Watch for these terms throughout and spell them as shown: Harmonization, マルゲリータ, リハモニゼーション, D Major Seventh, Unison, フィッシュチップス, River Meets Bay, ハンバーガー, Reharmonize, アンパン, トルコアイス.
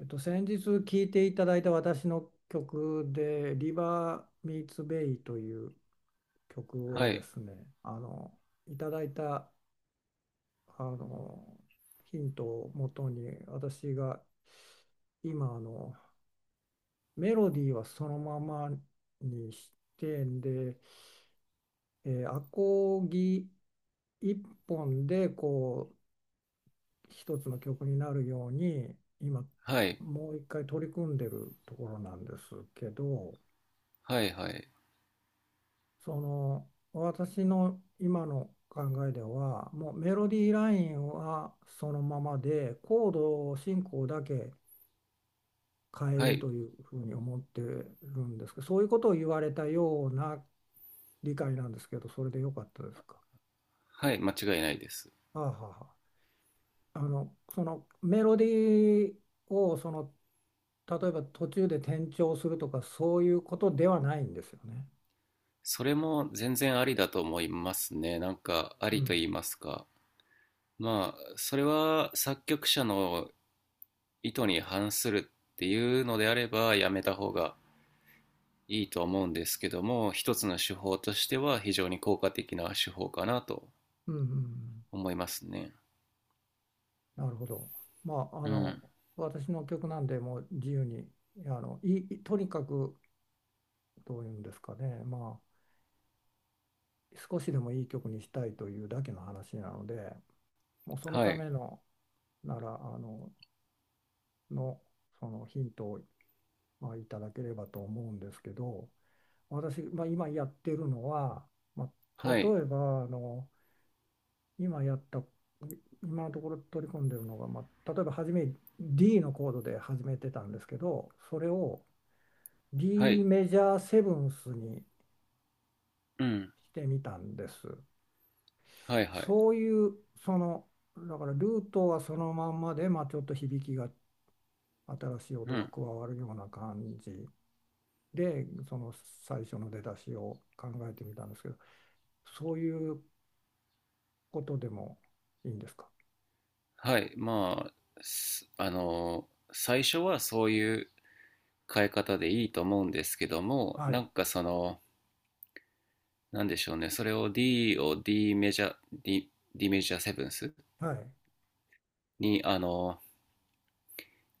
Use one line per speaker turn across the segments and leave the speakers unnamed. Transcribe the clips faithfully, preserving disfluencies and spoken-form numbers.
えっと、先日聴いていただいた私の曲で「リバー・ミーツ・ベイ」という曲を
は
で
い、
すねあのいただいたあのヒントをもとに私が今あのメロディーはそのままにしてんで、えーアコギ一本でこう一つの曲になるように今
はい、
もう一回取り組んでるところなんですけど。
はい、はい、
その私の今の考えではもうメロディーラインはそのままでコード進行だけ変え
は
る
い、
というふうに思ってるんですけど、そういうことを言われたような理解なんですけど、それでよかったですか？
はい、間違いないです。
あはは。あのそのメロディーをその例えば途中で転調するとかそういうことではないんですよね？
それも全然ありだと思いますね。なんか、あ
う
りと
ん。
言いますか。まあ、それは作曲者の意図に反するっていうのであれば、やめた方がいいと思うんですけども、一つの手法としては非常に効果的な手法かなと
うんうんうん。
思いますね。
なるほど。まあ、あ
う
の、
ん、
私の曲なんで、もう自由に、あの、いい、とにかく、どういうんですかね、まあ、少しでもいい曲にしたいというだけの話なので、もうその
は
た
い、
めの、なら、あの、の、そのヒントを、まあ、いただければと思うんですけど、私、まあ、今やってるのは、まあ、
はい、
例えば、あの、今やった、今のところ取り込んでるのが、まあ、例えば初め D のコードで始めてたんですけど、それを、
は
D
い、
メジャーセブンスに
うん、
してみたんです。
はい、はい、
そういうそのだからルートはそのまんまで、まあ、ちょっと響きが新しい
う
音が
ん、
加わるような感じで、その最初の出だしを考えてみたんですけど、そういうことでもいいんですか？
はい、まあ、すあの、最初はそういう変え方でいいと思うんですけども、
は
な
い
んかその、なんでしょうね、それを D を D メジャー、D, D メジャーセブンス
はい。
にあの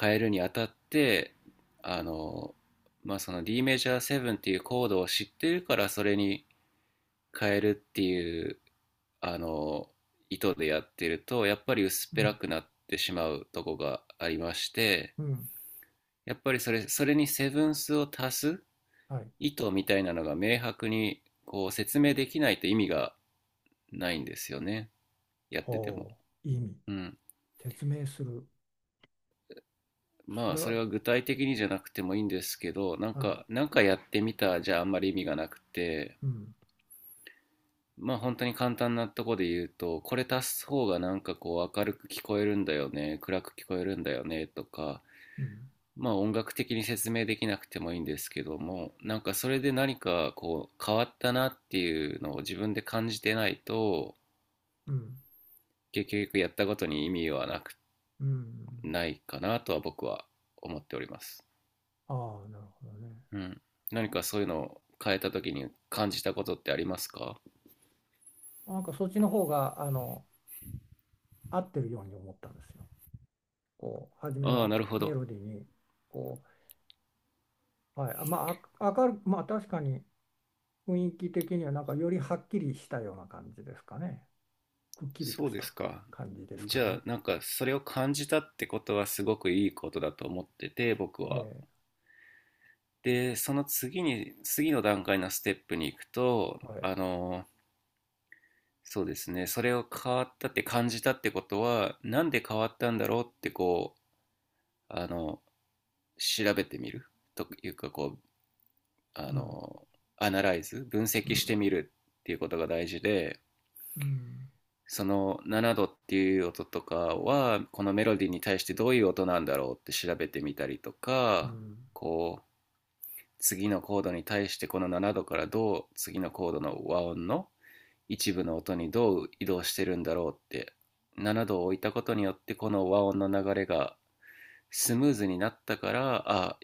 変えるにあたって、あの、まあ、その D メジャーセブンっていうコードを知ってるからそれに変えるっていうあの意図でやってるとやっぱり薄っ
う
ぺら
ん
くなってしまうとこがありまして、
うん。
やっぱりそれそれにセブンスを足す
はい。
意図みたいなのが明白にこう説明できないと意味がないんですよね、やってても。
ほう。意味
うん、
説明する。そ
まあ
れ
そ
は。
れは具体的にじゃなくてもいいんですけど、なん
はい。
かなんかやってみたじゃあんまり意味がなくて、
うん
まあ本当に簡単なとこで言うとこれ足す方がなんかこう明るく聞こえるんだよね、暗く聞こえるんだよねとか、
うん
まあ音楽的に説明できなくてもいいんですけども、なんかそれで何かこう変わったなっていうのを自分で感じてないと、
うん
結局やったことに意味はなく
うん。
ないかなとは僕は思っております。
ああ、なるほどね。
うん。何かそういうのを変えた時に感じたことってありますか？
なんかそっちの方があの合ってるように思ったんですよ。こう初め
ああ、
の
なるほ
メ
ど。
ロディーに。こう、はい、あまああ明るまあ確かに雰囲気的にはなんかよりはっきりしたような感じですかね。くっきりと
そう
し
です
た
か。
感じですか
じゃあ、
ね。
なんかそれを感じたってことはすごくいいことだと思ってて、僕は。
ええ、
で、その次に、次の段階のステップに行くと、
はい。
あの、そうですね、それを変わったって感じたってことは、なんで変わったんだろうってこう、あの、調べてみるというか、こう、あ
うん。
の、アナライズ、分
う
析して
ん。
みるっていうことが大事で、
うん。
そのななどっていう音とかはこのメロディーに対してどういう音なんだろうって調べてみたりと
う
か、
ん。
こう次のコードに対してこのななどからどう次のコードの和音の一部の音にどう移動してるんだろうって、ななどを置いたことによってこの和音の流れがスムーズになったから、あ、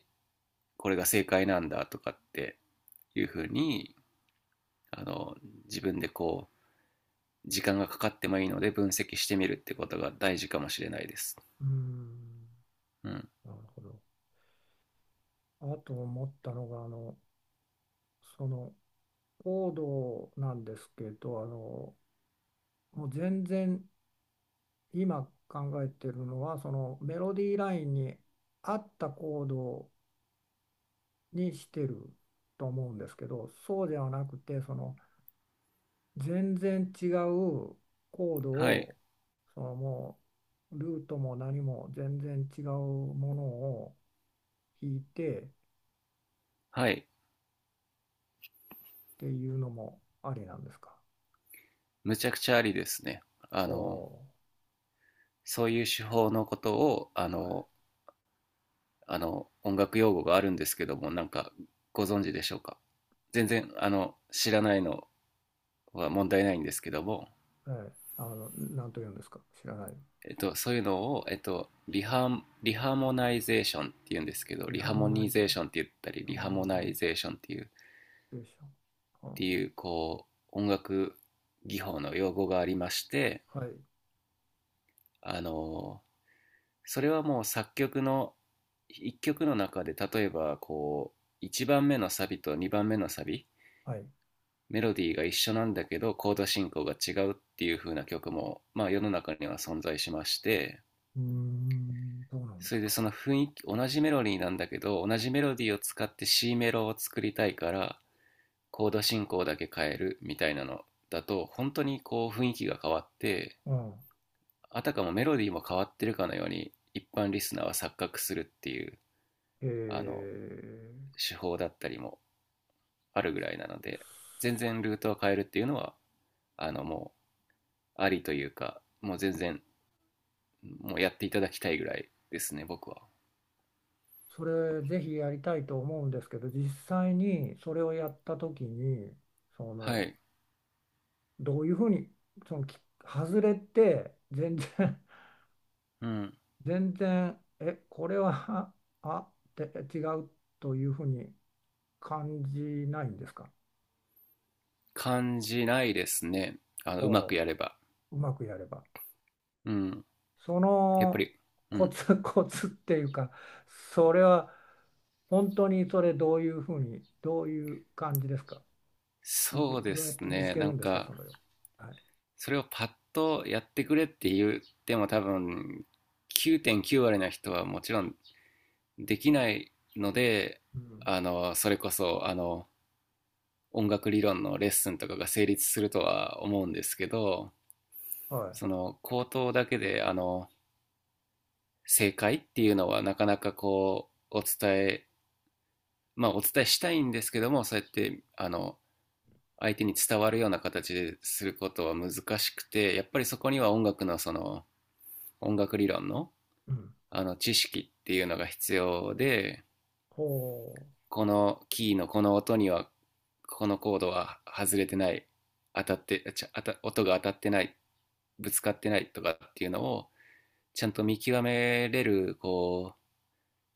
これが正解なんだとかっていうふうに、あの自分でこう時間がかかってもいいので分析してみるってことが大事かもしれないです。
うん、
うん。
なるほど。あと思ったのがあのそのコードなんですけど、あのもう全然今考えてるのはそのメロディーラインに合ったコードにしてると思うんですけど、そうではなくて、その全然違うコード
はい。
をそのもうルートも何も全然違うものを弾いてっ
はい。
ていうのもありなんですか？
むちゃくちゃありですね。あ
お
の、
お
そういう手法のことを、あ
ー、はい、
の、あの、音楽用語があるんですけども、なんか、ご存知でしょうか。全然、あの、知らないのは問題ないんですけども、
はい。あの、なんと言うんですか？知らない。
えっと、そういうのを、えっと、リハ、リハモナイゼーションっていうんですけど、
リ
リ
ハ
ハ
モ
モ
ナ
ニ
イズ、
ゼーションって言ったり、
ハー
リ
モ
ハ
ニ
モ
ゼ
ナ
ー
イ
シ
ゼーションっていう、っ
ョン。は
ていう、こう、音楽技法の用語がありまして、
あ、はい、
あの、それはもう作曲の一曲の中で例えばこういちばんめのサビとにばんめのサビ、
はい。
メロディーが一緒なんだけどコード進行が違うっていう風な曲も、まあ、世の中には存在しまして、
うーん、どうなんで
そ
す
れで
か。
その雰囲気、同じメロディーなんだけど同じメロディーを使って C メロを作りたいからコード進行だけ変えるみたいなのだと本当にこう雰囲気が変わって、
うん。
あたかもメロディーも変わってるかのように一般リスナーは錯覚するっていう、
え
あの
ー、
手法だったりもあるぐらいなので、全然ルートを変えるっていうのはあの、もうありというか、もう全然もうやっていただきたいぐらいですね僕は。
それぜひやりたいと思うんですけど、実際にそれをやった時に、そ
は
の、
い、
どういうふうに、その、き外れて、全然、
うん、
全然、え、これは、あ、あって違うというふうに感じないんですか？
感じないですね、あのうま
お
く
う、
やれば。
うまくやれば。
うん、
そ
やっぱ
の
り。う
コ
ん、
ツ コツっていうか、それは本当にそれどういうふうに、どういう感じですか？いて、
そうで
どうやっ
す
て見つ
ね、
け
なん
るんですか、
か、
それを？はい。
それをパッとやってくれって言っても多分きゅうてんきゅうわり割な人はもちろんできないので、
うん。
あのそれこそあの音楽理論のレッスンとかが成立するとは思うんですけど、
は
その口頭だけであの正解っていうのはなかなかこうお伝えまあお伝えしたいんですけども、そうやってあの相手に伝わるような形ですることは難しくて、やっぱりそこには音楽のその音楽理論の
い。うん。
あの知識っていうのが必要で、
ほ
このキーのこの音にはこのコードは外れてない、当たってちゃ当た音が当たってない、ぶつかってないとかっていうのをちゃんと見極めれるこう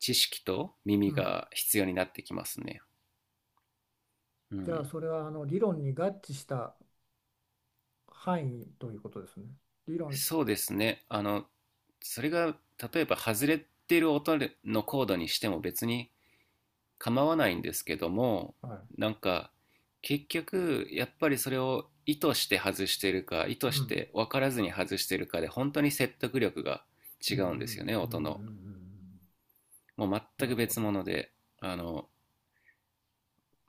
知識と
う。
耳
うん。
が必要になってきますね。う
じゃあ、
ん、
それはあの理論に合致した範囲ということですね。理論。
そうですね、あのそれが例えば外れてる音のコードにしても別に構わないんですけども、
はい。
なんか結局やっぱりそれを意図して外してるか意
う
図し
ん。
て分からずに外してるかで本当に説得力が
う
違
んうんうん
うんですよね、
うんうん
音
う
の。
ん
もう
うん。
全
な
く
るほ
別
ど。
物で、あの、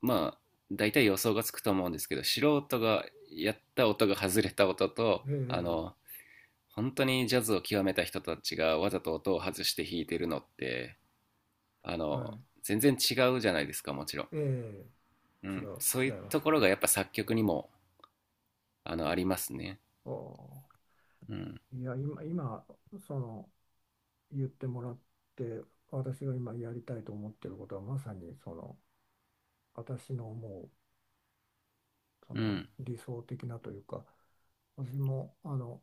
まあ大体予想がつくと思うんですけど、素人がやった音が外れた音と、
え
あ
え、
の本当にジャズを極めた人たちがわざと音を外して弾いてるのって、あの
は
全然違うじゃないですかもちろん、
い。え
う
え、違
ん、
う、
そうい
違い
う
ま
と
す。
ころがやっぱ作曲にもあのありますね。
おー。
うん、
いや、今、今、その、言ってもらって、私が今やりたいと思ってることは、まさに、その、私の思う、そ
う
の、
ん、
理想的なというか、私も、あの、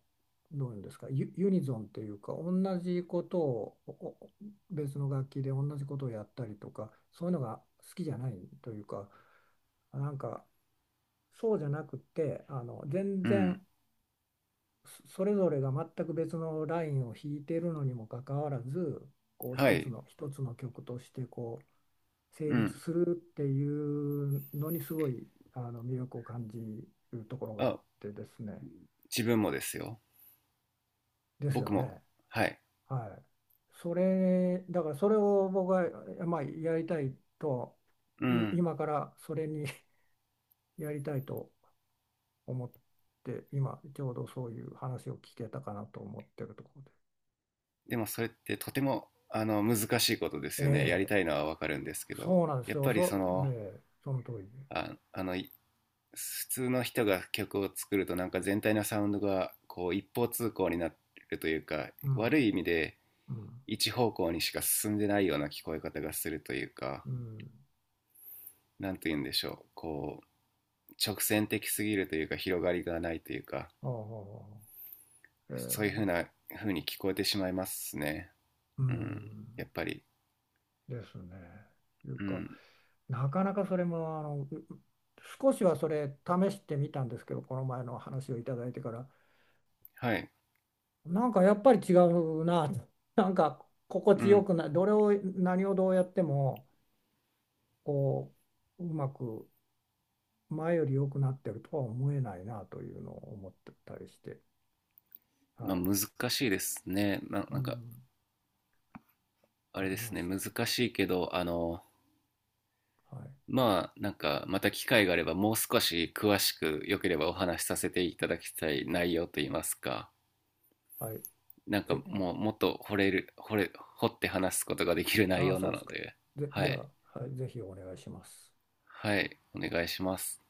どういうんですか、ユ、ユニゾンっていうか、同じことを、おお別の楽器で同じことをやったりとか、そういうのが好きじゃないというか、なんか、そうじゃなくて、あの、全
うん、
然、そそれぞれが全く別のラインを弾いているのにもかかわらず、こう
は
一つ
い、
の一つの曲としてこう成
う
立
ん、
するっていうのにすごいあの魅力を感じるところが
あ、
あってですね。
自分もですよ、
ですよ
僕も、
ね。
はい、
はい。それだからそれを僕は、まあ、やりたいと
う
い
ん。
今からそれに やりたいと思って、今ちょうどそういう話を聞けたかなと思ってるところで。
でもそれってとてもあの難しいことですよね、やり
ええ、
たいのはわかるんですけど、
そうなんです
やっ
よ。
ぱり
そ
そ
う、
の、
ええ、その通りで。
ああのい普通の人が曲を作るとなんか全体のサウンドがこう一方通行になるというか、
うん、
悪い意味で
うん、
一方向にしか進んでないような聞こえ方がするというか、
うん。
なんて言うんでしょう、こう直線的すぎるというか、広がりがないというか、
ああ、え
そういうふう
え、
な風に聞こえてしまいますね。
う
うん、や
ん、
っぱり。
ですね。いう
う
か、
ん、
なかなかそれも、あの、うう少しはそれ試してみたんですけど、この前の話をいただいてから、
はい、
なんかやっぱり違うな、なんか心
う
地よ
ん、
くない、どれを、何をどうやっても、こう、うまく前より良くなってるとは思えないなというのを思ってたりして、は
まあ
い。
難しいですね、まあ、
う
なんか、
ん、
あ
わか
れで
りま
すね、
し
難
た。
しいけど、あの、
はい。
まあ、なんか、また機会があれば、もう少し詳しく、よければお話しさせていただきたい内容といいますか、
はい。
なんか
ぜ、
もう、もっと掘れる、掘れ、掘って話すことができる内
ああ、
容
そ
な
うです
の
か。
で、
ぜ、
は
で
い、
は、はい、ぜひお願いします。
はい、お願いします。